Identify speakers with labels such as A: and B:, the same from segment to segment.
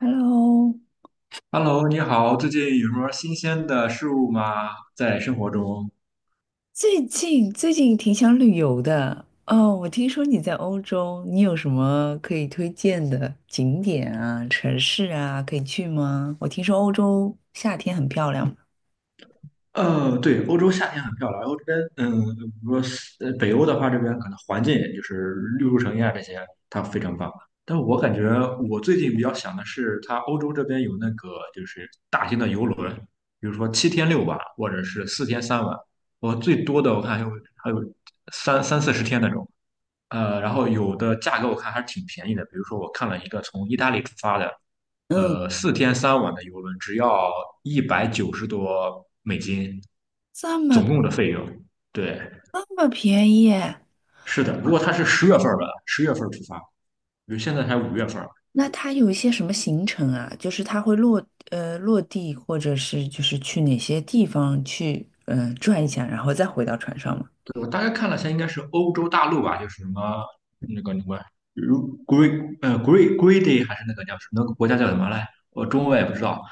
A: Hello，
B: Hello，你好，最近有什么新鲜的事物吗？在生活中？
A: 最近挺想旅游的哦。我听说你在欧洲，你有什么可以推荐的景点啊、城市啊，可以去吗？我听说欧洲夏天很漂亮。
B: 对，欧洲夏天很漂亮。欧洲这边，比如说北欧的话，这边可能环境就是绿树成荫啊，这些它非常棒。但我感觉我最近比较想的是，它欧洲这边有那个就是大型的游轮，比如说7天6晚，或者是四天三晚。我最多的我看还有还有三四十天那种。然后有的价格我看还是挺便宜的，比如说我看了一个从意大利出发的。
A: 嗯，
B: 四天三晚的游轮只要190多美金，
A: 这么
B: 总共的费用。对，
A: 这么便宜耶。
B: 是的，如果它是十月份儿的，十月份儿出发，比如现在才5月份儿，
A: 那它有一些什么行程啊？就是它会落地，或者是就是去哪些地方去嗯、转一下，然后再回到船上吗？
B: 对，我大概看了一下，应该是欧洲大陆吧，就是什么那个什么，如 Greedy 还是那个叫什么那个国家叫什么来？我中文我也不知道。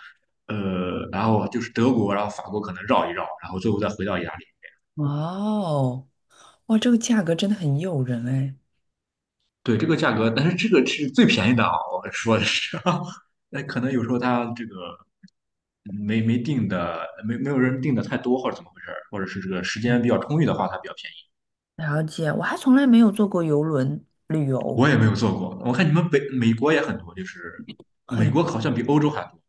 B: 然后就是德国，然后法国可能绕一绕，然后最后再回到意大利。
A: 哇哦，哇，这个价格真的很诱人哎。
B: 对这个价格，但是这个是最便宜的啊，我说的是，那可能有时候他这个没定的，没有人定的太多，或者怎么回事儿，或者是这个时间比较充裕的话，它比较便宜。
A: 了解，我还从来没有坐过游轮旅游，
B: 我也没有做过，我看你们北美国也很多，就是美国
A: 很
B: 好像比欧洲还多。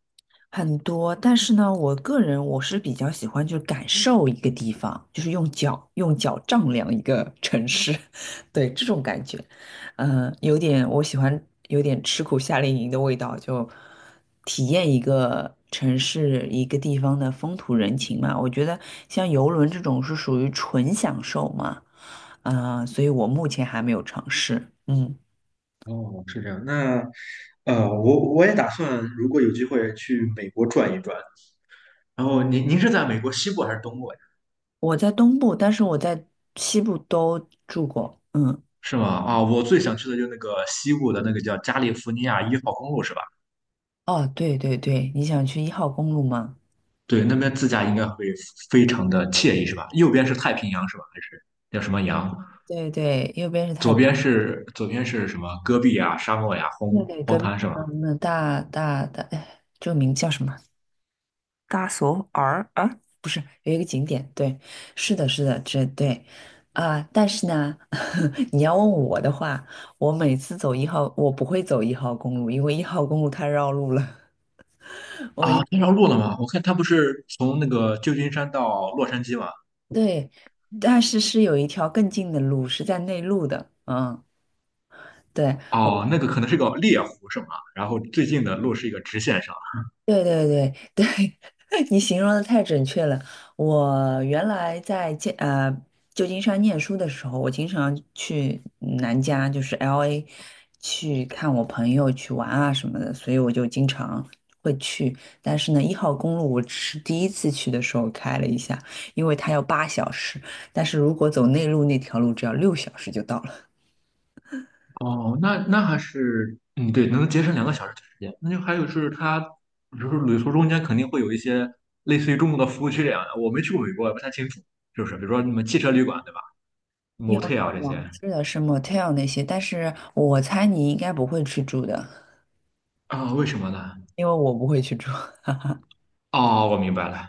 A: 很多。但是呢，我个人我是比较喜欢就是感受一个地方，就是用脚丈量一个城市，对这种感觉，嗯、有点我喜欢有点吃苦夏令营的味道，就体验一个城市一个地方的风土人情嘛。我觉得像游轮这种是属于纯享受嘛，嗯，所以我目前还没有尝试，嗯。
B: 哦，是这样。那我也打算，如果有机会去美国转一转。然后您是在美国西部还是东部呀？
A: 我在东部，但是我在西部都住过。嗯，
B: 是吗？啊，我最想去的就是那个西部的那个叫加利福尼亚1号公路，是吧？
A: 哦，对对对，你想去一号公路吗？
B: 对，那边自驾应该会非常的惬意，是吧？右边是太平洋，是吧？还是叫什么洋？
A: 对对，右边是太
B: 左
A: 平，
B: 边是左边是什么？戈壁啊、沙漠呀、荒
A: 对对，
B: 荒
A: 隔壁
B: 滩是吧？
A: 嗯，那大大大，哎，这个名叫什么？大索尔啊？不是，有一个景点，对，是的，是的，这对啊。但是呢，你要问我的话，我每次走一号，我不会走一号公路，因为一号公路太绕路了。我
B: 啊，
A: 一
B: 这条路了吗？我看它不是从那个旧金山到洛杉矶吗？
A: 对，但是是有一条更近的路，是在内陆的，嗯。对，我，
B: 哦，那个可能是个猎湖是吗？然后最近的路是一个直线上。
A: 对对对对，你形容的太准确了。我原来在旧金山念书的时候，我经常去南加，就是 LA，去看我朋友去玩啊什么的，所以我就经常会去。但是呢，一号公路我只是第一次去的时候开了一下，因为它要八小时，但是如果走内陆那条路，只要六小时就到了。
B: 哦，那还是嗯，对，能节省2个小时的时间。那就还有就是它，比如说旅途中间肯定会有一些类似于中国的服务区这样的，我没去过美国，也不太清楚，是不是？比如说什么汽车旅馆，对吧？
A: 有有
B: motel 啊这
A: 有，
B: 些。
A: 是的，是 motel 那些，但是我猜你应该不会去住的。
B: 啊、为什么呢？
A: 因为我不会去住。
B: 哦，我明白了。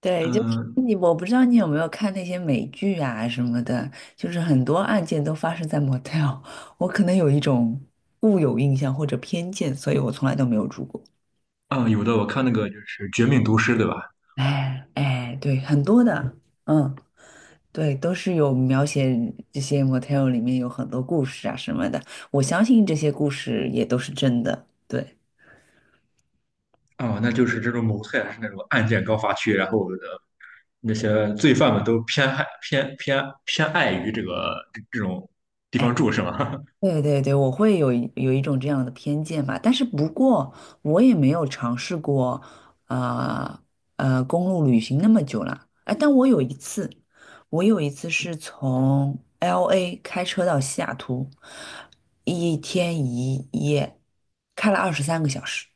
A: 对，就是
B: 嗯
A: 你，我不知道你有没有看那些美剧啊什么的，就是很多案件都发生在 motel，我可能有一种固有印象或者偏见，所以我从来都没有住过。
B: 嗯，有的我看那个就是《绝命毒师》，对吧？
A: 哎哎，对，很多的，嗯，对，都是有描写这些 motel 里面有很多故事啊什么的，我相信这些故事也都是真的。对。
B: 哦，那就是这种 motel 是那种案件高发区，然后的那些罪犯们都偏爱于这个这种地方住，是吗？
A: 对对对，我会有一种这样的偏见吧，但是不过我也没有尝试过，呃，公路旅行那么久了，哎，但我有一次，我有一次是从 LA 开车到西雅图，一天一夜，开了二十三个小时。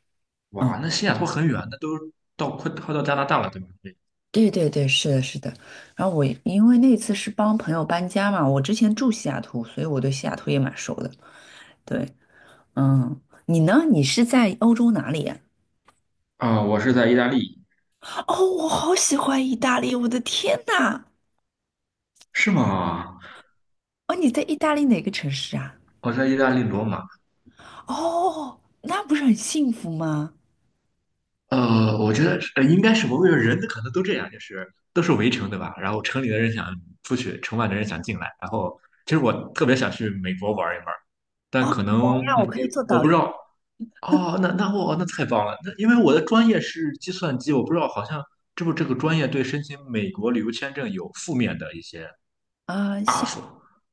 B: 哇，
A: 嗯，
B: 那西雅图很远，那都到快到加拿大了，对吧？对
A: 对对对，是的，是的。然后我因为那次是帮朋友搬家嘛，我之前住西雅图，所以我对西雅图也蛮熟的。对，嗯，你呢？你是在欧洲哪里呀？
B: 啊、我是在意大利，
A: 哦，我好喜欢意大利，我的天呐！
B: 是吗？
A: 哦，你在意大利哪个城市啊？
B: 我在意大利罗马，
A: 哦，那不是很幸福吗？
B: 我觉得应该是，我为觉人可能都这样，就是都是围城，对吧？然后城里的人想出去，城外的人想进来。然后其实我特别想去美国玩一玩，
A: 哦，
B: 但
A: 好
B: 可能
A: 呀，我可以做
B: 我
A: 导
B: 不
A: 游
B: 知道。哦，那我那太棒了，那因为我的专业是计算机，我不知道好像这不这个专业对申请美国旅游签证有负面的一些
A: 啊。
B: buff，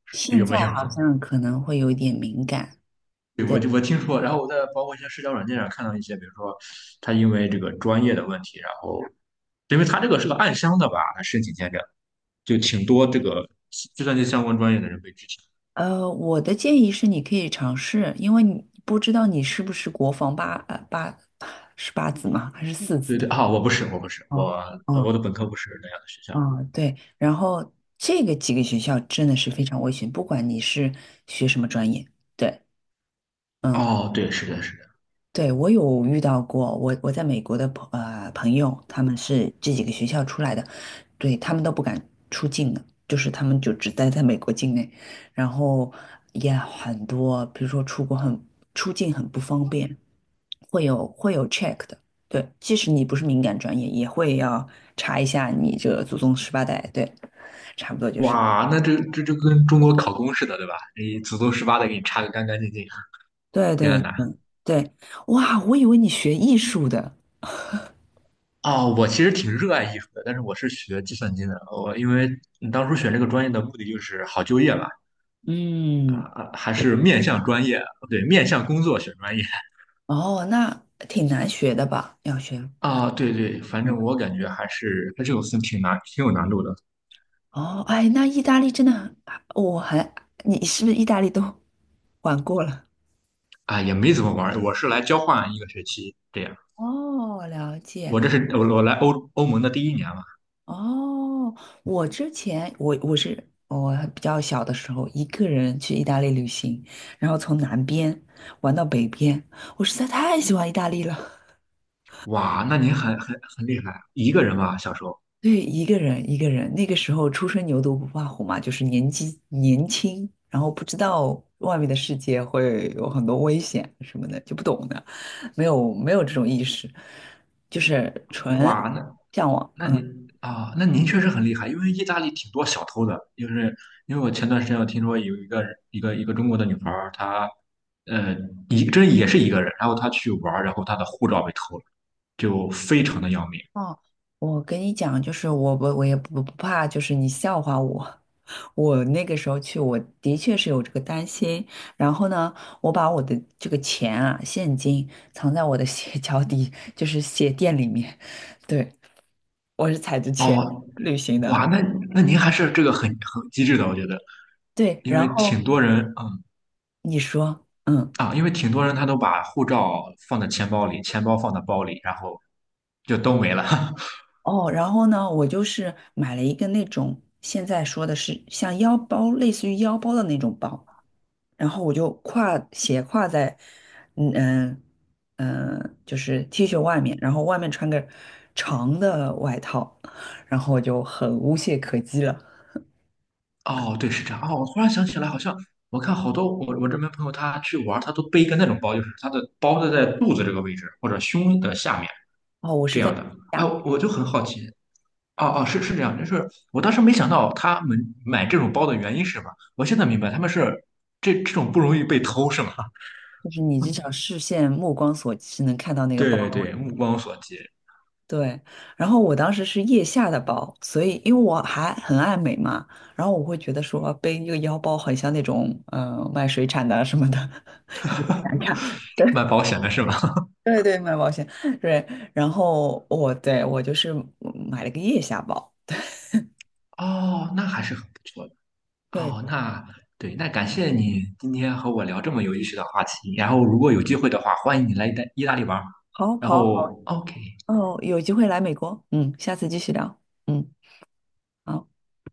B: 是
A: 现
B: 有
A: 在
B: 没有？
A: 好 像可能会有一点敏感。
B: 对，
A: 对，
B: 我听说，然后我在包括一些社交软件上看到一些，比如说他因为这个专业的问题，然后。因为他这个是个暗箱的吧，他申请签证就挺多这个计算机相关专业的人被拒签。
A: 我的建议是你可以尝试，因为你不知道你是不是国防八是八字吗？还是四字
B: 对
A: 的？
B: 对啊，我不是，我不是，我
A: 哦
B: 呃
A: 哦，嗯
B: 我的本科不是那样的学校。
A: 啊，对，然后这个几个学校真的是非常危险，不管你是学什么专业，对，嗯，
B: 哦，对，是的，是的。
A: 对，我有遇到过，我在美国的朋友，他们是这几个学校出来的，对，他们都不敢出境的，就是他们就只待在美国境内，然后也很多，比如说出境很不方便，会有 check 的，对，即使你不是敏感专业，也会要查一下你这祖宗十八代，对。差不多就是。
B: 哇，那这就跟中国考公似的，对吧？你祖宗十八代给你查个干干净净。
A: 对
B: 天
A: 对
B: 呐！
A: 对对，哇，我以为你学艺术的，
B: 哦，我其实挺热爱艺术的，但是我是学计算机的。我因为你当初选这个专业的目的就是好就业嘛，啊、
A: 嗯，
B: 啊还是面向专业，对，面向工作选专业。
A: 哦，那挺难学的吧？要学，
B: 啊，对对，反
A: 嗯，
B: 正我感觉还是有分挺难，挺有难度的。
A: 哦，哎，那意大利真的很，我还，你是不是意大利都 玩过了？
B: 啊，也没怎么玩儿，我是来交换一个学期这样。
A: 哦，了解。
B: 我这是我来欧盟的第一年嘛，
A: 哦，我之前我比较小的时候一个人去意大利旅行，然后从南边玩到北边，我实在太喜欢意大利了。
B: 哇，那您很厉害啊，一个人吧，小时候，
A: 对，一个人，那个时候初生牛犊不怕虎嘛，就是年纪年轻，然后不知道外面的世界会有很多危险什么的，就不懂的，没有这种意识，就是纯
B: 哇，那
A: 向往。
B: 您
A: 嗯，
B: 啊，那您确实很厉害，因为意大利挺多小偷的，就是因为我前段时间我听说有一个中国的女孩儿，她呃这也是一个人，然后她去玩儿，然后她的护照被偷了，就非常的要命。
A: 哦，我跟你讲，就是我也不怕，就是你笑话我。我那个时候去，我的确是有这个担心。然后呢，我把我的这个钱啊，现金藏在我的鞋 脚底，就是鞋垫里面。对，我是踩着钱
B: 哦，
A: 旅行的。
B: 哇，那您还是这个很机智的，我觉得，
A: 对，
B: 因
A: 然
B: 为挺
A: 后
B: 多人，
A: 你说，嗯，
B: 因为挺多人他都把护照放在钱包里，钱包放在包里，然后就都没了。
A: 哦，然后呢，我就是买了一个那种现在说的是像腰包，类似于腰包的那种包，然后我就斜挎在，嗯嗯嗯，就是 T 恤外面，然后外面穿个长的外套，然后我就很无懈可击了。
B: 哦，对，是这样。哦，我忽然想起来，好像我看好多我这边朋友他去玩他都背一个那种包，就是他的包都在肚子这个位置或者胸的下面
A: 哦，我是
B: 这样
A: 在
B: 的。哎，
A: 下，
B: 我就很好奇。哦哦，是这样，就是我当时没想到他们买这种包的原因是什么，我现在明白他们是这种不容易被偷是吗？
A: 就是你至少 视线目光所及是能看到那个包。
B: 对对，目光所及，
A: 对，然后我当时是腋下的包，所以因为我还很爱美嘛，然后我会觉得说背一个腰包很像那种嗯、卖水产的啊什么的，难看。
B: 卖保险的是吗？
A: 对对，卖保险，对。然后我就是买了个腋下包。
B: 哦，那还是很不错的。
A: 对，
B: 哦，那对，那感谢你今天和我聊这么有意思的话题。然后，如果有机会的话，欢迎你来意大利玩儿
A: 好
B: 然
A: 好好，
B: 后，OK。
A: 哦，有机会来美国，嗯，下次继续聊，嗯。好。